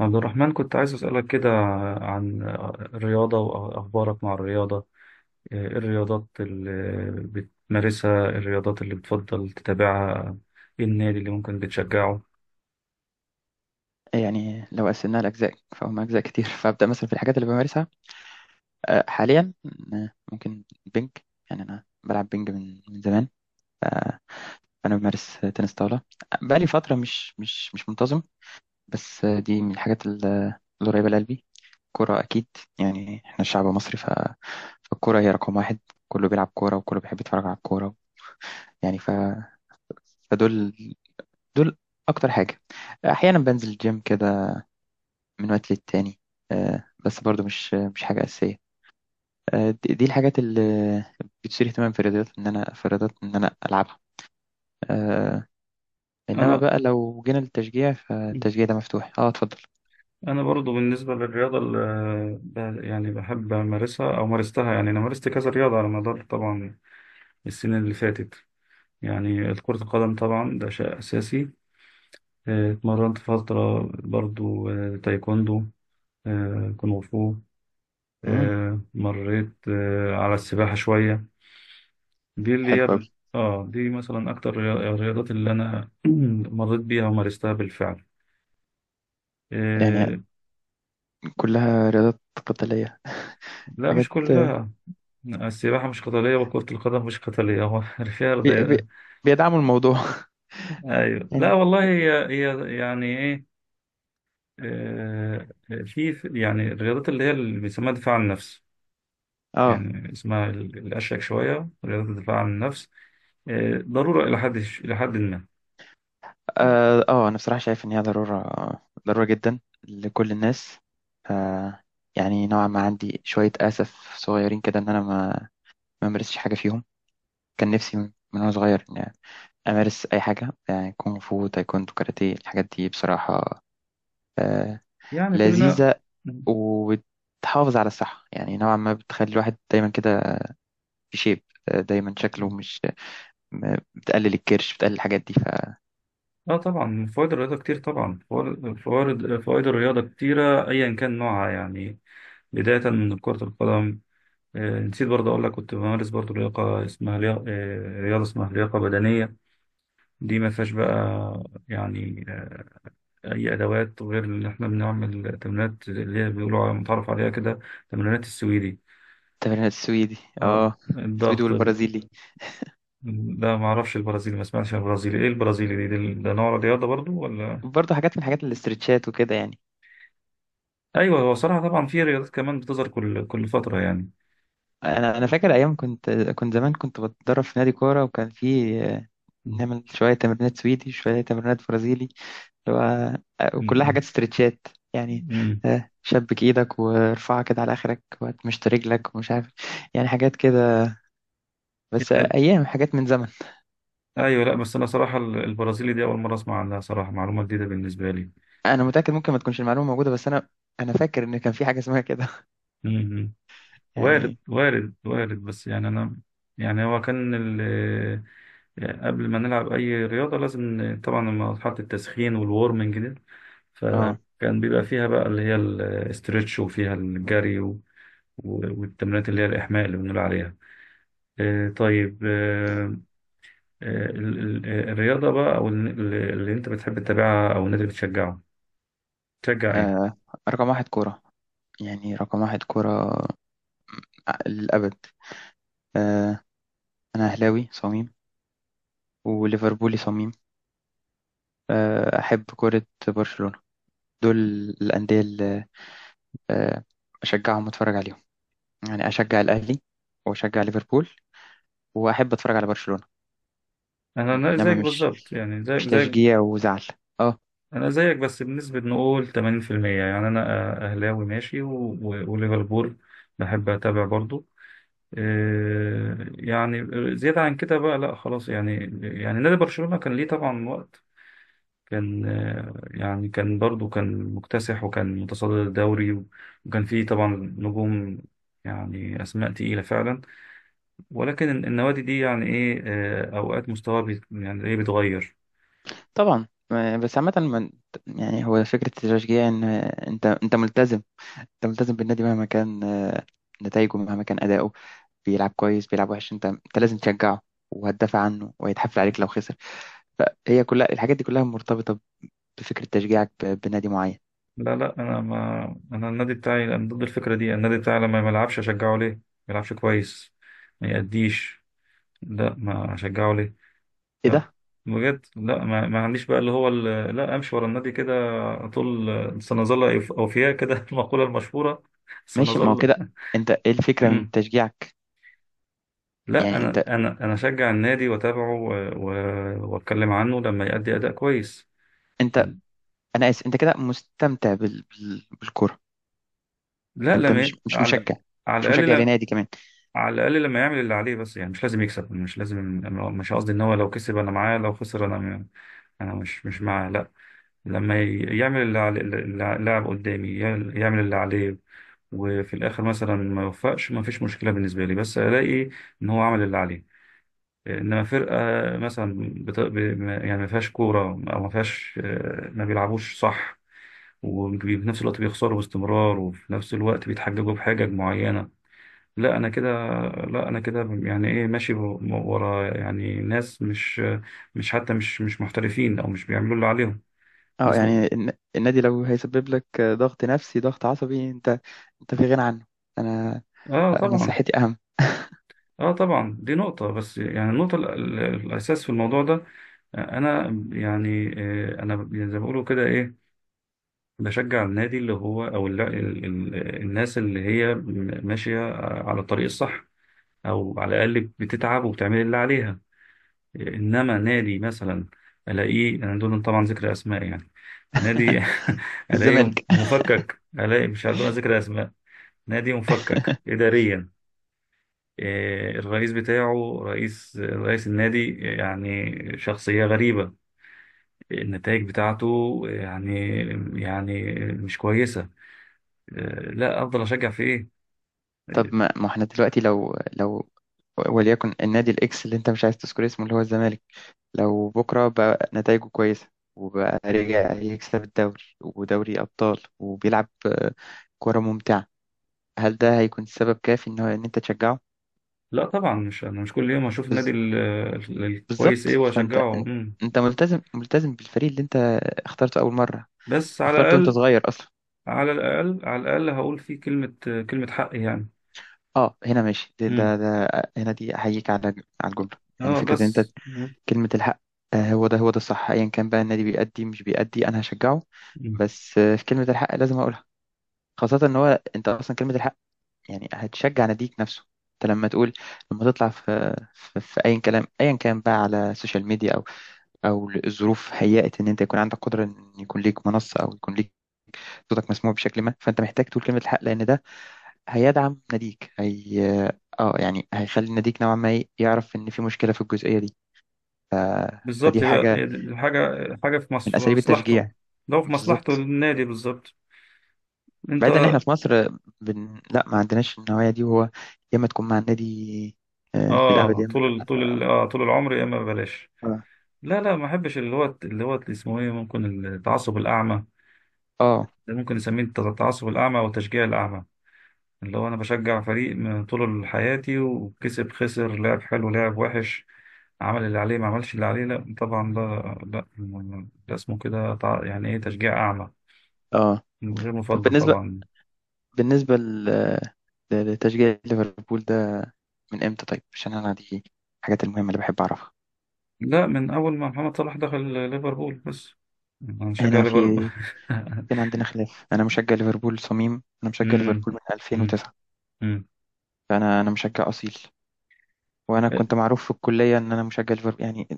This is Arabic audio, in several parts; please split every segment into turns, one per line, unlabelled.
عبد الرحمن، كنت عايز أسألك كده عن الرياضة وأخبارك مع الرياضة. إيه الرياضات اللي بتمارسها؟ الرياضات اللي بتفضل تتابعها؟ إيه النادي اللي ممكن بتشجعه؟
يعني لو قسمناها لأجزاء فهم أجزاء كتير فأبدأ مثلا في الحاجات اللي بمارسها حاليا. ممكن بينج. يعني أنا بلعب بينج من زمان، ف- فأنا بمارس تنس طاولة. بقالي فترة مش منتظم، بس دي من الحاجات اللي قريبة لقلبي. كرة أكيد. يعني إحنا الشعب المصري، فالكرة هي رقم واحد. كله بيلعب كورة وكله بيحب يتفرج على الكورة. يعني فدول دول أكتر حاجة. أحيانا بنزل الجيم كده من وقت للتاني، بس برضو مش حاجة أساسية. دي الحاجات اللي بتثير اهتمام في الرياضات، إن أنا ألعبها آه، إنما
أنا
بقى لو جينا للتشجيع، فالتشجيع ده مفتوح. اتفضل.
أنا برضو بالنسبة للرياضة اللي بحب أمارسها أو مارستها. يعني أنا مارست كذا رياضة على مدار طبعا السنين اللي فاتت. يعني كرة القدم طبعا ده شيء أساسي. إيه، اتمرنت فترة برضو تايكوندو، كونغ فو،
مم.
مريت على السباحة شوية. دي اللي
حلو
هي،
أوي.
اه، دي مثلا أكتر الرياضات اللي أنا مريت بيها ومارستها بالفعل.
يعني
آه،
كلها رياضات قتالية،
لا مش
حاجات
كلها، السباحة مش قتالية وكرة القدم مش قتالية، هو فيها
بي بي
رضا-
بيدعموا الموضوع
أيوة، لا
يعني
والله، هي يعني إيه، آه، يعني الرياضات اللي هي اللي بيسموها دفاع عن النفس.
أه
يعني اسمها الأشيك شوية، رياضة الدفاع عن النفس. ضرورة إلى حد ما.
أه آه، أنا بصراحة شايف إن هي ضرورة، ضرورة جدا لكل الناس. آه، يعني نوعا ما عندي شوية أسف صغيرين كده إن أنا ما مارستش حاجة فيهم. كان نفسي من وأنا صغير إني أمارس أي حاجة، يعني كونغ فو، تايكوندو، كاراتيه. الحاجات دي بصراحة آه،
يعني كلنا،
لذيذة وبتحافظ على الصحة. يعني نوعا ما بتخلي الواحد دايما كده في شيب، دايما شكله مش. بتقلل الكرش، بتقلل الحاجات دي. فالتمرين
اه طبعا، فوائد الرياضة كتير. طبعا فوائد الرياضة كتيرة أيا كان نوعها، يعني بداية من كرة القدم. آه، نسيت برضه أقول لك، كنت بمارس برضه لياقة، اسمها لياقة، آه، رياضة اسمها لياقة بدنية. دي ما فيهاش بقى، يعني آه، أي أدوات، غير إن إحنا بنعمل تمرينات اللي هي متعرف عليها كده، تمرينات السويدي،
السويدي.
اه،
اه، السويدي والبرازيلي
ده معرفش البرازيلي، ما سمعتش عن البرازيلي. إيه البرازيلي دي؟ ده نوع رياضة برضه، ولا؟
برضه حاجات من حاجات الاسترتشات وكده. يعني
ايوه. هو صراحه طبعا في رياضات كمان بتظهر كل فتره، يعني.
انا فاكر ايام كنت زمان، كنت بتدرب في نادي كوره، وكان في
م-
نعمل شويه تمرينات سويدي، شويه تمرينات برازيلي، اللي هو وكلها حاجات
م-
استرتشات. يعني
م.
شبك ايدك وارفعها كده على اخرك، وتمشط رجلك، ومش عارف. يعني حاجات كده، بس
يعني
ايام. حاجات من زمن.
ايوه، لا بس انا صراحه البرازيلي دي اول مره اسمع عنها صراحه، معلومه جديده بالنسبه لي.
انا متاكد ممكن ما تكونش المعلومه موجوده، بس انا فاكر ان كان في حاجه اسمها كده
م- م.
يعني
وارد، بس يعني انا، يعني هو كان قبل ما نلعب اي رياضه لازم طبعا مرحله التسخين والورمنج دي،
اه،
فكان بيبقى فيها بقى اللي هي الاسترتش، وفيها الجري، والتمرينات اللي هي الاحماء اللي بنقول عليها. طيب. الرياضة بقى أو اللي أنت بتحب تتابعها، أو النادي اللي بتشجعه، تشجع إيه؟
آه، رقم واحد كوره. يعني رقم واحد كوره للابد. آه، انا اهلاوي صميم وليفربولي صميم. احب كوره برشلونه. دول الانديه اللي آه، اشجعهم واتفرج عليهم. يعني اشجع الاهلي، واشجع ليفربول، واحب اتفرج على برشلونة.
أنا
انما
زيك
مش
بالظبط، يعني زيك
مش
زيك
تشجيع وزعل. اه
أنا زيك، بس بنسبة نقول 80%. يعني أنا أهلاوي ماشي، و وليفربول بحب أتابع برضو. إيه، يعني زيادة عن كده بقى لا، خلاص يعني. يعني نادي برشلونة كان ليه طبعا وقت، كان يعني كان برضو كان مكتسح وكان متصدر الدوري، وكان فيه طبعا نجوم، يعني أسماء تقيلة فعلا. ولكن النوادي دي يعني ايه، اوقات مستواها يعني ايه، بيتغير.
طبعا، بس عامة. يعني هو فكرة التشجيع ان انت ملتزم. انت ملتزم بالنادي مهما كان نتائجه، مهما كان اداؤه. بيلعب كويس بيلعب وحش، انت لازم تشجعه، وهتدافع عنه، وهيتحفل عليك لو خسر. فهي كلها الحاجات دي كلها مرتبطة بفكرة تشجيعك بنادي معين.
لا، انا ما انا النادي بتاعي، انا ضد الفكره دي. النادي بتاعي لما ما يلعبش اشجعه ليه؟ ما يلعبش كويس، ما يأديش، لا، ما اشجعه ليه؟
ايه
لا،
ده؟
بجد. لا ما عنديش بقى اللي هو لا امشي ورا النادي كده طول، سنظل اوفياء كده المقوله المشهوره،
ماشي، ما هو
سنظل
كده. انت ايه الفكرة من
مم.
تشجيعك؟
لا
يعني انت
انا اشجع النادي واتابعه و واتكلم عنه لما يأدي اداء كويس.
انت انا اسف، انت كده مستمتع بالكوره.
لا،
انت
لما
مش
على،
مشجع،
على الاقل، لا،
لنادي كمان.
على الاقل لما يعمل اللي عليه، بس يعني مش لازم يكسب، مش لازم. أنا مش قصدي ان هو لو كسب انا معاه، لو خسر انا انا مش معاه، لا. لما يعمل اللي على اللاعب قدامي يعمل اللي عليه، وفي الاخر مثلا ما يوفقش، ما فيش مشكله بالنسبه لي، بس الاقي ان هو عمل اللي عليه. انما فرقه مثلا بت... ب... ما- يعني ما فيهاش كوره، او ما فيهاش ما بيلعبوش صح، وفي نفس الوقت بيخسروا باستمرار، وفي نفس الوقت بيتحججوا بحاجة معينة، لا انا كده. لا انا كده، يعني ايه، ماشي ورا يعني ناس مش، مش حتى مش محترفين، او مش بيعملوا اللي عليهم،
اه
ناس مق...
يعني النادي لو هيسبب لك ضغط نفسي ضغط عصبي، انت في غنى عنه. انا
اه
انا
طبعا.
صحتي اهم.
اه طبعا دي نقطة، بس يعني النقطة الاساس في الموضوع ده، انا يعني، انا زي ما بيقولوا كده، ايه، بشجع النادي اللي هو، او الناس اللي هي ماشية على الطريق الصح، او على الاقل بتتعب وبتعمل اللي عليها. انما نادي مثلا الاقيه انا، دون طبعا ذكر اسماء، يعني نادي الاقيه
الزمالك
مفكك، الاقي مش عارف، دون ذكر اسماء، نادي مفكك اداريا، إيه، الرئيس بتاعه، رئيس النادي، يعني شخصية غريبة، النتائج بتاعته يعني، يعني مش كويسة. إيه، لا أفضل أشجع في إيه؟
طب
إيه،
ما احنا دلوقتي لو وليكن النادي الاكس اللي انت مش عايز تذكر اسمه، اللي هو الزمالك، لو بكره بقى نتائجه كويسه، وبقى رجع يكسب الدوري ودوري ابطال، وبيلعب كوره ممتعه، هل ده هيكون سبب كافي ان هو ان انت تشجعه؟
لا طبعا، مش أنا مش كل يوم أشوف النادي
بز-
الكويس،
بالظبط.
إيه،
فانت
وأشجعه.
انت
مم.
انت ملتزم بالفريق اللي انت اخترته اول مره،
بس على
اخترته وانت
الأقل،
صغير اصلا.
على الأقل هقول فيه كلمة، كلمة حق يعني.
اه هنا ماشي ده,
مم.
ده, ده هنا دي احييك على الجمله. يعني
اه
فكره ان انت
بس. مم.
كلمه الحق. هو ده الصح. ايا كان بقى النادي بيأدي مش بيأدي انا هشجعه،
مم.
بس في كلمه الحق لازم اقولها. خاصه ان هو انت اصلا كلمه الحق، يعني هتشجع ناديك نفسه. انت لما تطلع في اي كلام ايا كان بقى على السوشيال ميديا، او الظروف هيأت ان انت يكون عندك قدره ان يكون ليك منصه، او يكون ليك صوتك مسموع بشكل ما، فانت محتاج تقول كلمه الحق، لان ده هيدعم ناديك اه، يعني هيخلي ناديك نوعا ما، إيه، يعرف ان في مشكله في الجزئيه دي. ف...
بالظبط،
فدي
يبقى
حاجه
حاجة، حاجة في
من
في
اساليب
مصلحته،
التشجيع
لو في مصلحته
بالظبط.
النادي، بالظبط. انت،
بعيدا ان احنا في مصر، لا، ما عندناش النوعيه دي. وهو يا اما تكون مع النادي للابد،
اه،
يا اما
طول ال...
لا.
طول ال... آه طول العمر، يا اما ببلاش.
اه
لا، ما احبش اللي هو، اللي هو اسمه ايه، ممكن التعصب الأعمى.
اه
ده ممكن نسميه التعصب الأعمى وتشجيع الأعمى، اللي هو انا بشجع فريق من طول حياتي، وكسب، خسر، لعب حلو، لعب وحش، عمل اللي عليه، ما عملش اللي عليه، لا طبعا، ده لا، ده اسمه كده يعني ايه، تشجيع اعمى،
آه.
غير
طب
مفضل
بالنسبه،
طبعا.
بالنسبه لتشجيع ليفربول ده، من امتى؟ طيب عشان انا دي الحاجات المهمة اللي بحب اعرفها.
لا، من اول ما محمد صلاح دخل ليفربول بس انا بشجع
هنا في
ليفربول
كان عندنا خلاف. انا مشجع ليفربول صميم، انا مشجع
امم،
ليفربول من
امم،
2009.
امم،
فانا مشجع اصيل. وانا كنت معروف في الكلية ان انا مشجع ليفربول. يعني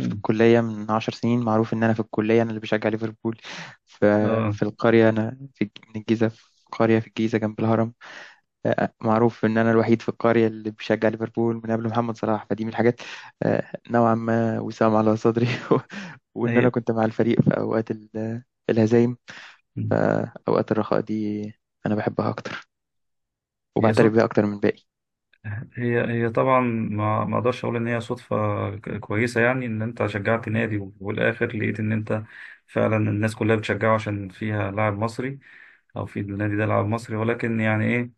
في الكلية من 10 سنين معروف ان انا في الكلية انا اللي بشجع ليفربول. ف-
اه،
في القرية، انا من الجيزة، في قرية في الجيزة جنب الهرم. معروف ان انا الوحيد في القريه اللي بشجع ليفربول من قبل محمد صلاح. فدي من الحاجات نوعا ما وسام على صدري وان انا
هي
كنت مع الفريق في اوقات الهزايم. فاوقات الرخاء دي انا بحبها اكتر،
هي
وبعترف
صوت
بيها اكتر من باقي
هي هي طبعا، ما اقدرش اقول ان هي صدفه كويسه، يعني ان انت شجعت نادي، والاخر لقيت ان انت فعلا الناس كلها بتشجعه عشان فيها لاعب مصري، او في النادي ده لاعب مصري. ولكن يعني ايه،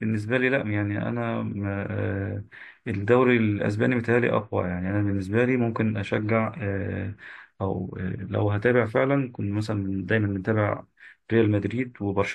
بالنسبه لي لا، يعني انا الدوري الاسباني متهيألي اقوى، يعني انا بالنسبه لي ممكن اشجع او لو هتابع فعلا، كنت مثلا دايما متابع ريال مدريد وبرشلونه.